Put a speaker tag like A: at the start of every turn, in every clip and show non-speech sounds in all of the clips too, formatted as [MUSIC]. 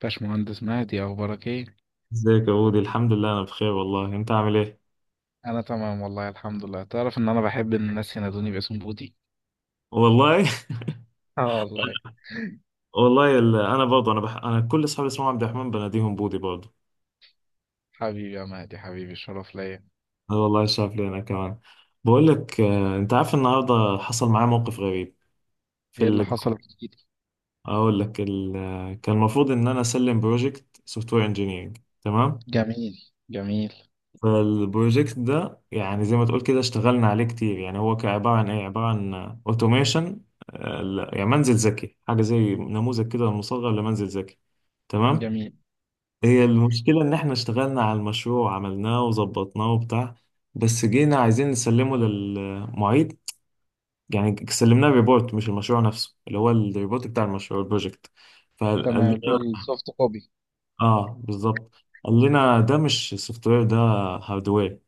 A: باشمهندس مهدي، إيه اخبارك ايه؟
B: ازيك يا بودي، الحمد لله انا بخير والله. انت عامل ايه؟
A: انا تمام والله الحمد لله. تعرف ان انا بحب ان الناس ينادوني باسم بودي.
B: والله.
A: اه والله.
B: [LAUGHS] والله انا برضه انا كل اصحابي اسمهم عبد الرحمن بناديهم بودي برضه.
A: حبيبي يا مهدي، حبيبي الشرف ليا.
B: انا والله شاف لي انا كمان. بقول لك انت عارف النهارده حصل معايا موقف غريب في
A: ايه اللي حصل جديد؟
B: اقول لك ال... آه، كان المفروض ان انا اسلم بروجكت سوفت وير انجينيرنج. تمام.
A: جميل، جميل،
B: فالبروجكت ده يعني زي ما تقول كده اشتغلنا عليه كتير. يعني هو كان عباره عن ايه؟ عباره عن اوتوميشن، يعني منزل ذكي، حاجه زي نموذج كده مصغر لمنزل ذكي. تمام.
A: جميل.
B: هي المشكلة إن إحنا اشتغلنا على المشروع وعملناه وظبطناه وبتاع، بس جينا عايزين نسلمه للمعيد. يعني سلمناه ريبورت مش المشروع نفسه، اللي هو الريبورت بتاع المشروع البروجكت. فقال
A: تمام، اللي هو
B: لنا،
A: السوفت كوبي.
B: آه بالظبط، قال لنا ده مش سوفت وير، ده هاردوير.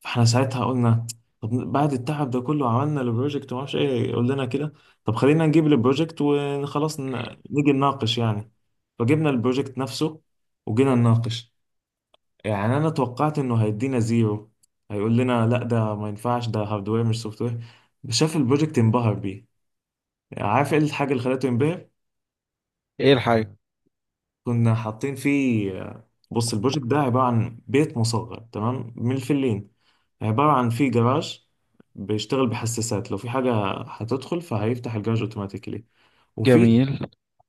B: فإحنا ساعتها قلنا طب بعد التعب ده كله عملنا البروجكت ومعرفش إيه يقول لنا كده؟ طب خلينا نجيب البروجكت وخلاص نيجي نناقش يعني. فجبنا البروجكت نفسه وجينا نناقش. يعني انا توقعت انه هيدينا زيرو، هيقول لنا لا ده ما ينفعش، ده هاردوير مش سوفت وير. شاف البروجكت انبهر بيه. يعني عارف ايه الحاجه اللي خلته ينبهر؟
A: ايه الحاجة؟
B: كنا حاطين فيه، بص البروجكت ده عباره عن بيت مصغر، تمام، من الفلين. عباره عن فيه جراج بيشتغل بحساسات، لو في حاجه هتدخل فهيفتح الجراج اوتوماتيكلي. وفي،
A: جميل،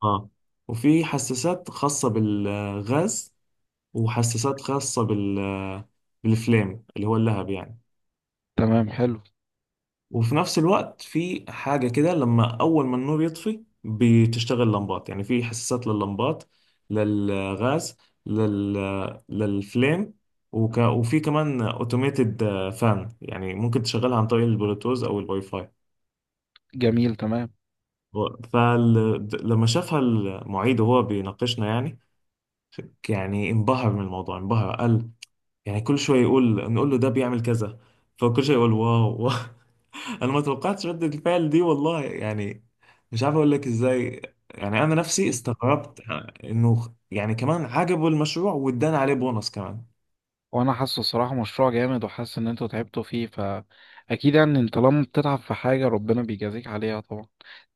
B: اه، وفي حساسات خاصه بالغاز، وحساسات خاصه بالفليم اللي هو اللهب يعني.
A: تمام، حلو.
B: وفي نفس الوقت في حاجة كده، لما أول ما النور يطفي بتشتغل لمبات، يعني في حساسات لللمبات، للغاز، لل... للفليم. وفي كمان اوتوميتد فان، يعني ممكن تشغلها عن طريق البلوتوث أو الواي فاي.
A: جميل، تمام.
B: فلما شافها المعيد وهو بيناقشنا يعني، يعني انبهر من الموضوع، انبهر. قال، يعني كل شوية يقول، نقول له ده بيعمل كذا، فكل شوية يقول واو واو. انا ما توقعتش ردة الفعل دي والله، يعني مش عارف اقول لك ازاي. يعني انا نفسي
A: بص،
B: استغربت انه يعني كمان عجبه المشروع وادانا عليه بونص كمان.
A: وانا حاسه صراحة مشروع جامد وحاسس ان انتوا تعبتوا فيه، فاكيد يعني انت لما بتتعب في حاجة ربنا بيجازيك عليها طبعا.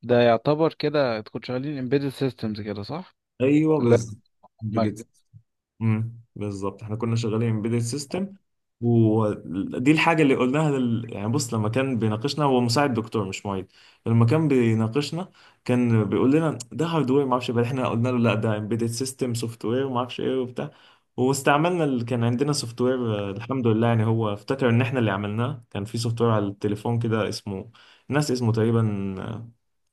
A: ده يعتبر كده تكون شغالين embedded systems كده، صح؟
B: ايوه بس،
A: لا.
B: بالظبط احنا كنا شغالين امبيدد سيستم. ودي الحاجه اللي قلناها يعني بص، لما كان بيناقشنا، هو مساعد دكتور مش معيد، لما كان بيناقشنا كان بيقول لنا ده هاردوير ما اعرفش إيه. بعد احنا قلنا له لا ده امبيدد سيستم سوفت وير وما اعرفش ايه وبتاع. واستعملنا اللي كان عندنا سوفت وير، الحمد لله. يعني هو افتكر ان احنا اللي عملناه كان في سوفت وير على التليفون كده، اسمه ناس اسمه تقريبا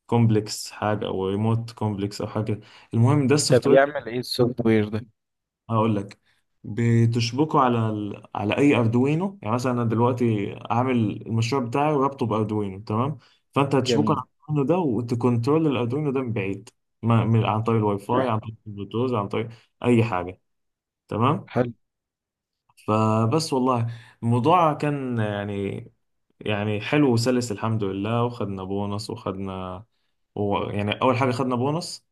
B: كومبلكس حاجه، او ريموت كومبلكس او حاجه كده. المهم ده
A: ده
B: السوفت وير.
A: بيعمل ايه السوفت وير ده؟
B: هقول لك، بتشبكه على على اي اردوينو. يعني مثلا انا دلوقتي عامل المشروع بتاعي وربطه باردوينو، تمام، فانت هتشبكه
A: جميل.
B: على الاردوينو ده وتكنترول الاردوينو ده من بعيد، ما... من... عن طريق الواي فاي، عن طريق البلوتوث، عن طريق اي حاجه. تمام.
A: حلو،
B: فبس والله الموضوع كان يعني، يعني حلو وسلس الحمد لله. وخدنا بونص وخدنا، يعني اول حاجه خدنا بونص،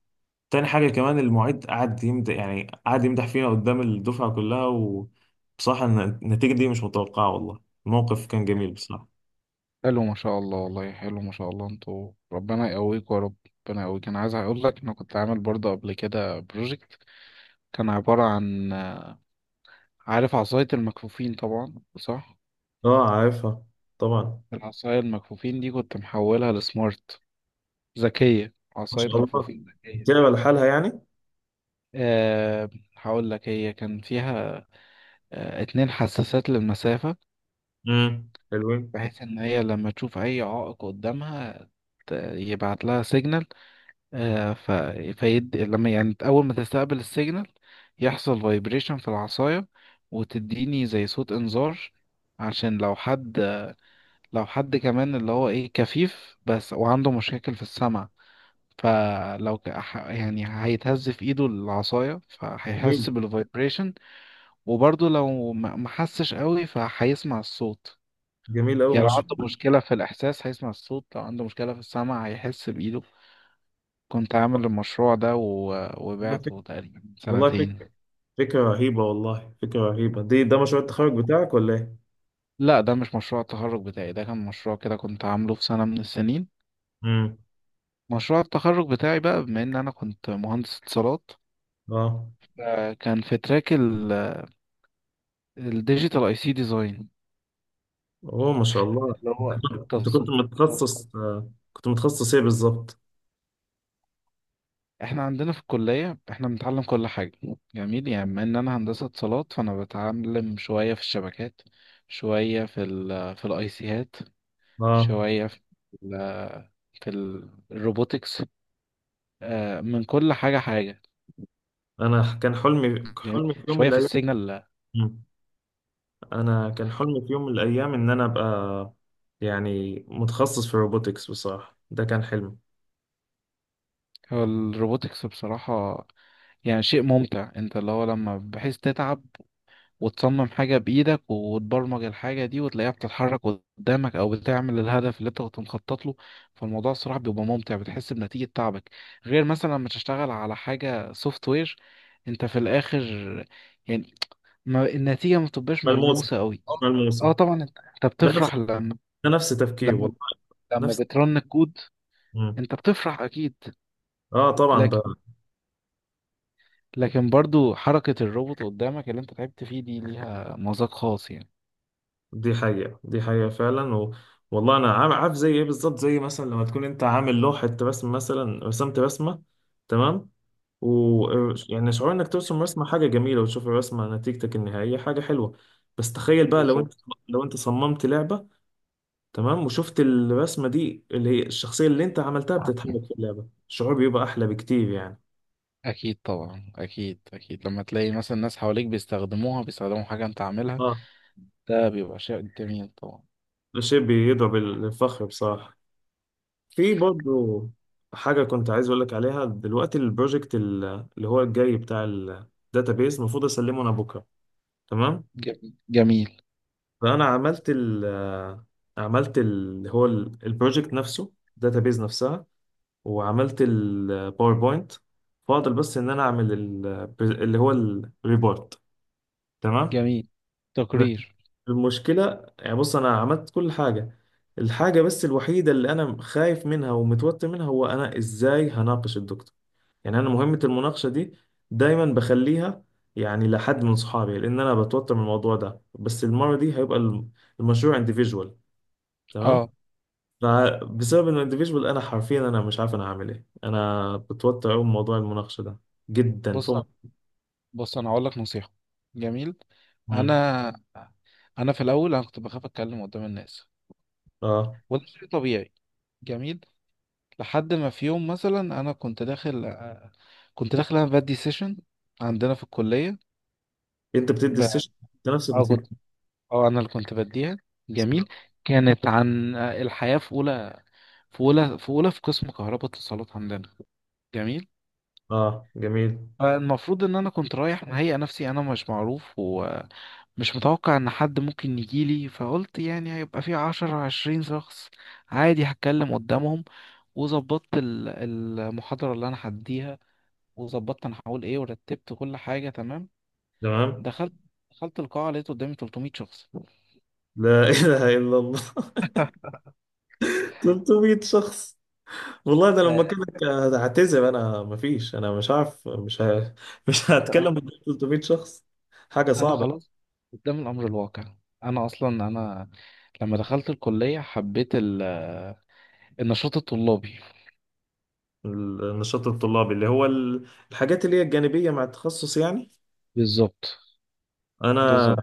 B: تاني حاجة كمان المعيد قعد يمدح، يعني قعد يمدح فينا قدام الدفعة كلها. وبصراحة النتيجة دي مش متوقعة والله. الموقف كان جميل بصراحة.
A: حلو ما شاء الله، والله حلو ما شاء الله، انتوا ربنا يقويكم يا رب. ربنا يقويك، انا عايز اقول لك انا كنت عامل برضه قبل كده بروجكت. كان عبارة عن. عارف عصاية المكفوفين طبعا، صح؟
B: اه عارفها طبعا.
A: العصاية المكفوفين دي كنت محولها لسمارت، ذكية،
B: ما
A: عصاية
B: شاء الله،
A: مكفوفين ذكية.
B: بتلعب لحالها يعني.
A: أه. هقول لك هي كان فيها أه، اتنين حساسات للمسافة،
B: امم، حلوين.
A: بحيث ان هي لما تشوف اي عائق قدامها يبعت لها سيجنال. آه، ف... لما يعني أول ما تستقبل السيجنال يحصل فايبريشن في العصاية، وتديني زي صوت إنذار، عشان لو حد، كمان اللي هو إيه كفيف بس وعنده مشاكل في السمع، فلو يعني هيتهز في إيده العصاية
B: جميل،
A: فهيحس بالفايبريشن، وبرضه لو ما حسش قوي فهيسمع الصوت.
B: جميل أوي
A: يعني
B: ما
A: لو
B: شاء
A: عنده
B: الله.
A: مشكلة في الإحساس هيسمع الصوت، لو عنده مشكلة في السمع هيحس بإيده. كنت عامل المشروع ده و...
B: والله فكرة،
A: وبعته تقريبا من
B: والله
A: سنتين.
B: فكرة، فكرة رهيبة والله، فكرة رهيبة دي. ده مشروع التخرج بتاعك ولا ايه؟
A: لا، ده مش مشروع التخرج بتاعي، ده كان مشروع كده كنت عامله في سنة من السنين.
B: امم.
A: مشروع التخرج بتاعي بقى، بما ان انا كنت مهندس اتصالات،
B: اه.
A: كان في تراك الديجيتال اي سي ديزاين،
B: اوه ما شاء الله،
A: اللي
B: انت
A: هو
B: كنت، أنت كنت
A: تصميم.
B: متخصص كنت متخصص ايه بالظبط؟
A: احنا عندنا في الكلية احنا بنتعلم كل حاجة. جميل، يعني بما ان انا هندسة اتصالات فانا بتعلم شوية في الشبكات، شوية في الاي سيات،
B: اه.
A: شوية ال في الروبوتكس، من كل حاجة حاجة.
B: انا كان حلمي،
A: جميل،
B: حلمي [LAUGHS] في يوم من
A: شوية في
B: الايام.
A: السيجنال.
B: مم. انا كان حلمي في يوم من الايام ان انا ابقى يعني متخصص في الروبوتكس بصراحه، ده كان حلمي.
A: هو الروبوتكس بصراحة يعني شيء ممتع، انت اللي هو لما بحيث تتعب وتصمم حاجة بإيدك وتبرمج الحاجة دي وتلاقيها بتتحرك قدامك أو بتعمل الهدف اللي انت كنت مخطط له، فالموضوع الصراحة بيبقى ممتع، بتحس بنتيجة تعبك. غير مثلا لما تشتغل على حاجة سوفت وير، انت في الآخر يعني ما النتيجة ما بتبقاش
B: ملموسه،
A: ملموسة قوي.
B: مش
A: اه.
B: ملموسه.
A: اه طبعا، انت
B: ده نفس
A: بتفرح
B: ده نفس تفكير
A: لما
B: والله.
A: لما
B: نفس.
A: بترن الكود،
B: مم.
A: انت بتفرح اكيد.
B: اه طبعا
A: لكن
B: بقى.
A: لكن برضو حركة الروبوت قدامك اللي انت تعبت فيه دي ليها مذاق خاص يعني.
B: دي حقيقه، دي حقيقه فعلا. والله انا عارف زي ايه بالظبط، زي مثلا لما تكون انت عامل لوحه رسم، مثلا رسمت رسمه، تمام، و، يعني شعور انك ترسم رسمة حاجة جميلة وتشوف الرسمة نتيجتك النهائية حاجة حلوة. بس تخيل بقى لو انت،
A: بالظبط،
B: لو انت صممت لعبة، تمام، وشفت الرسمة دي اللي هي الشخصية اللي انت عملتها بتتحرك في اللعبة، الشعور بيبقى احلى بكتير يعني.
A: اكيد طبعا، اكيد اكيد لما تلاقي مثلا ناس حواليك بيستخدموها، بيستخدموا حاجة انت عاملها،
B: اه.
A: ده بيبقى شيء جميل طبعا.
B: ده شيء بيضرب الفخر بصراحة. في برضو حاجة كنت عايز اقول لك عليها دلوقتي، البروجكت اللي هو الجاي بتاع الداتابيز، المفروض اسلمه انا بكرة. تمام.
A: جميل، جميل،
B: فانا عملت ال آه، عملت ال، هو البروجكت نفسه الداتابيز نفسها، وعملت الباوربوينت. فاضل بس ان انا اعمل اللي هو الريبورت. تمام.
A: جميل. تقرير.
B: المشكله، يعني بص انا عملت كل حاجه، الحاجه بس الوحيده اللي انا خايف منها ومتوتر منها هو انا ازاي هناقش الدكتور. يعني انا مهمه المناقشه دي دايما بخليها يعني لحد من صحابي، لان انا بتوتر من الموضوع ده. بس المره دي هيبقى المشروع individual، تمام،
A: اه.
B: فبسبب انه individual انا حرفيا انا مش عارف انا هعمل ايه، انا بتوتر قوي من موضوع المناقشه ده جدا
A: بص،
B: فوق.
A: بص، انا هقول لك نصيحه. جميل.
B: مم.
A: انا انا في الاول انا كنت بخاف اتكلم قدام الناس،
B: اه.
A: وده شيء طبيعي. جميل. لحد ما في يوم مثلا انا كنت داخل، انا بدي سيشن عندنا في الكليه،
B: انت بتدي
A: ب...
B: السيشن انت نفسك
A: اه
B: بتدي؟
A: كنت، اه انا اللي كنت بديها. جميل. كانت عن الحياه في اولى، في اولى في قسم كهرباء اتصالات عندنا. جميل.
B: اه جميل،
A: فالمفروض ان انا كنت رايح مهيئ نفسي، انا مش معروف، مش متوقع ان حد ممكن يجيلي، فقلت يعني هيبقى في عشرة عشرين شخص عادي، هتكلم قدامهم. وظبطت المحاضرة اللي انا هديها، وظبطت انا هقول ايه، ورتبت كل حاجة تمام.
B: تمام.
A: دخلت دخلت القاعة لقيت قدامي 300 شخص.
B: لا [LAUGHS] اله الا الله، 300 شخص؟ والله ده لما
A: آه،
B: كنت، هعتذر انا، مفيش انا مش عارف، مش ه... [LAUGHS] مش
A: انت
B: هتكلم قدام 300 شخص، حاجه
A: انا
B: صعبه.
A: خلاص قدام الامر الواقع. انا اصلا انا لما دخلت الكلية حبيت النشاط الطلابي.
B: النشاط الطلابي اللي هو الحاجات اللي هي الجانبيه مع التخصص يعني.
A: بالظبط،
B: انا
A: بالظبط،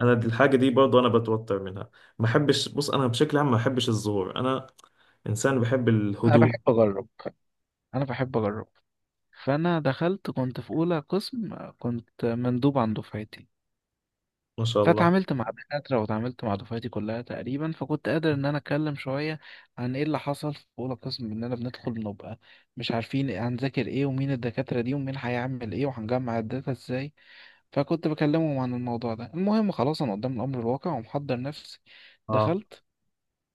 B: انا دي الحاجه دي برضه انا بتوتر منها. ما بحبش، بص انا بشكل عام ما بحبش الظهور، انا انسان بحب
A: انا
B: الهدوء.
A: بحب اجرب، انا بحب اجرب. فانا دخلت، كنت في اولى قسم، كنت مندوب عن دفعتي،
B: ما شاء الله.
A: فاتعاملت مع دكاترة واتعاملت مع دفعتي كلها تقريبا، فكنت قادر ان انا اتكلم شوية عن ايه اللي حصل في اولى قسم، اننا بندخل بنبقى مش عارفين هنذاكر ايه، ومين الدكاترة دي، ومين هيعمل ايه، وهنجمع الداتا ازاي. فكنت بكلمهم عن الموضوع ده. المهم خلاص انا قدام الامر الواقع ومحضر نفسي،
B: اه.
A: دخلت،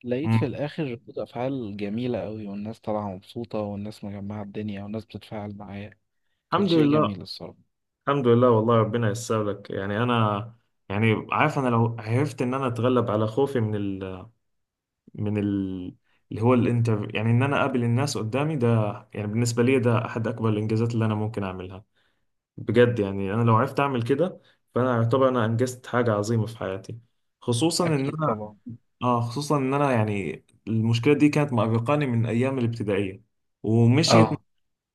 A: لقيت في
B: مم.
A: الاخر ردود افعال جميلة قوي، والناس طالعة مبسوطة، والناس مجمعة الدنيا، والناس بتتفاعل معايا. كان
B: الحمد
A: شيء
B: لله،
A: جميل الصراحة.
B: الحمد لله والله، ربنا ييسر لك. يعني انا يعني عارف، انا لو عرفت ان انا اتغلب على خوفي من من ال اللي هو الانترفيو، يعني ان انا اقابل الناس قدامي ده، يعني بالنسبه لي ده احد اكبر الانجازات اللي انا ممكن اعملها بجد. يعني انا لو عرفت اعمل كده فانا اعتبر انا انجزت حاجه عظيمه في حياتي، خصوصا ان
A: أكيد
B: انا،
A: طبعا.
B: اه، خصوصا ان انا يعني المشكله دي كانت مأرقاني من ايام الابتدائيه، ومشيت،
A: اه.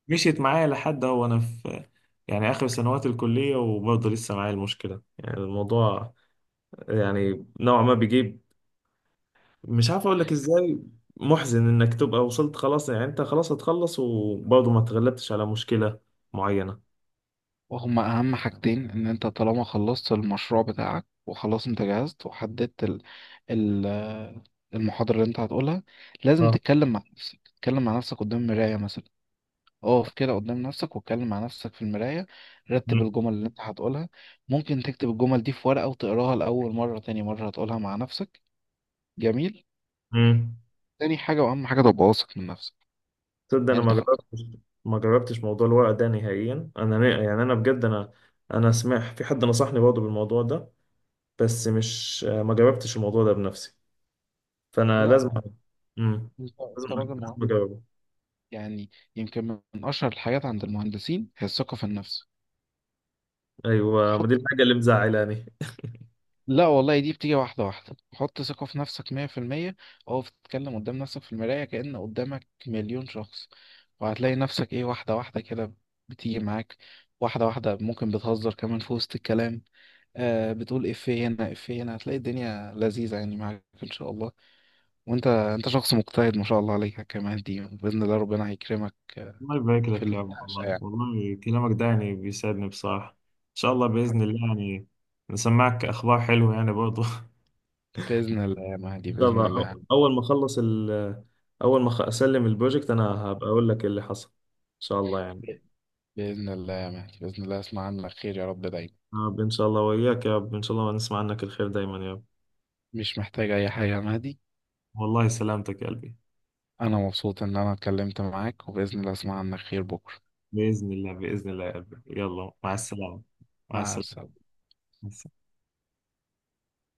B: مشيت معايا لحد هو انا في يعني اخر سنوات الكليه وبرضه لسه معايا المشكله. يعني الموضوع يعني نوعا ما بيجيب، مش عارف اقول لك ازاي، محزن انك تبقى وصلت خلاص، يعني انت خلاص هتخلص وبرضه ما تغلبتش على مشكله معينه.
A: وهما أهم حاجتين، إن أنت طالما خلصت المشروع بتاعك وخلاص، أنت جهزت وحددت ال المحاضرة اللي أنت هتقولها، لازم
B: اه.
A: تتكلم مع نفسك، تتكلم مع نفسك قدام المراية مثلا، اقف كده قدام نفسك واتكلم مع نفسك في المراية، رتب الجمل اللي أنت هتقولها. ممكن تكتب الجمل دي في ورقة وتقراها، لأول مرة تاني مرة هتقولها مع نفسك. جميل.
B: امم.
A: تاني حاجة وأهم حاجة، تبقى واثق من نفسك.
B: تصدق انا
A: يعني
B: ما
A: أنت
B: جربتش، ما جربتش موضوع الورق ده نهائيا. انا يعني انا بجد انا، انا سمعت في حد نصحني برضه بالموضوع ده، بس مش، ما جربتش الموضوع ده بنفسي. فانا لازم،
A: لا
B: امم،
A: انت
B: لازم،
A: افتراض
B: لازم اجربه.
A: يعني، يمكن، من أشهر الحاجات عند المهندسين هي الثقة في النفس.
B: ايوه، ما
A: حط،
B: دي الحاجه اللي مزعلاني.
A: لا والله، دي بتيجي واحدة واحدة، حط ثقة في نفسك مية في المية، أو تتكلم قدام نفسك في المراية كأن قدامك مليون شخص، وهتلاقي نفسك إيه واحدة واحدة كده بتيجي معاك، واحدة واحدة ممكن بتهزر كمان في وسط الكلام، بتقول إفيه هنا إفيه هنا، هتلاقي الدنيا لذيذة يعني معاك إن شاء الله. وأنت، أنت شخص مجتهد ما شاء الله عليك، كمان دي بإذن الله ربنا هيكرمك
B: الله يبارك
A: في
B: لك يا أبو،
A: المناقشة
B: والله
A: يعني.
B: والله كلامك ده يعني بيسعدني بصراحة. إن شاء الله، بإذن الله يعني نسمعك أخبار حلوة يعني برضه. [LAUGHS]
A: بإذن الله يا مهدي،
B: ان شاء
A: بإذن
B: الله،
A: الله.
B: اول ما اخلص ال، اول ما أخ- اسلم البروجكت انا هبقى اقول لك اللي حصل، ان شاء الله يعني.
A: بإذن الله يا مهدي، بإذن الله أسمع عنك خير يا رب دايما.
B: يا رب ان شاء الله، وياك يا رب، ان شاء الله نسمع عنك الخير دايما يا رب.
A: مش محتاج أي حاجة يا مهدي.
B: والله سلامتك يا قلبي.
A: أنا مبسوط إن أنا اتكلمت معاك، وبإذن الله أسمع عنك خير بكرة.
B: بإذن الله، بإذن الله يا قلبي، يلا مع السلامة. مع
A: مع
B: السلامة.
A: السلامة.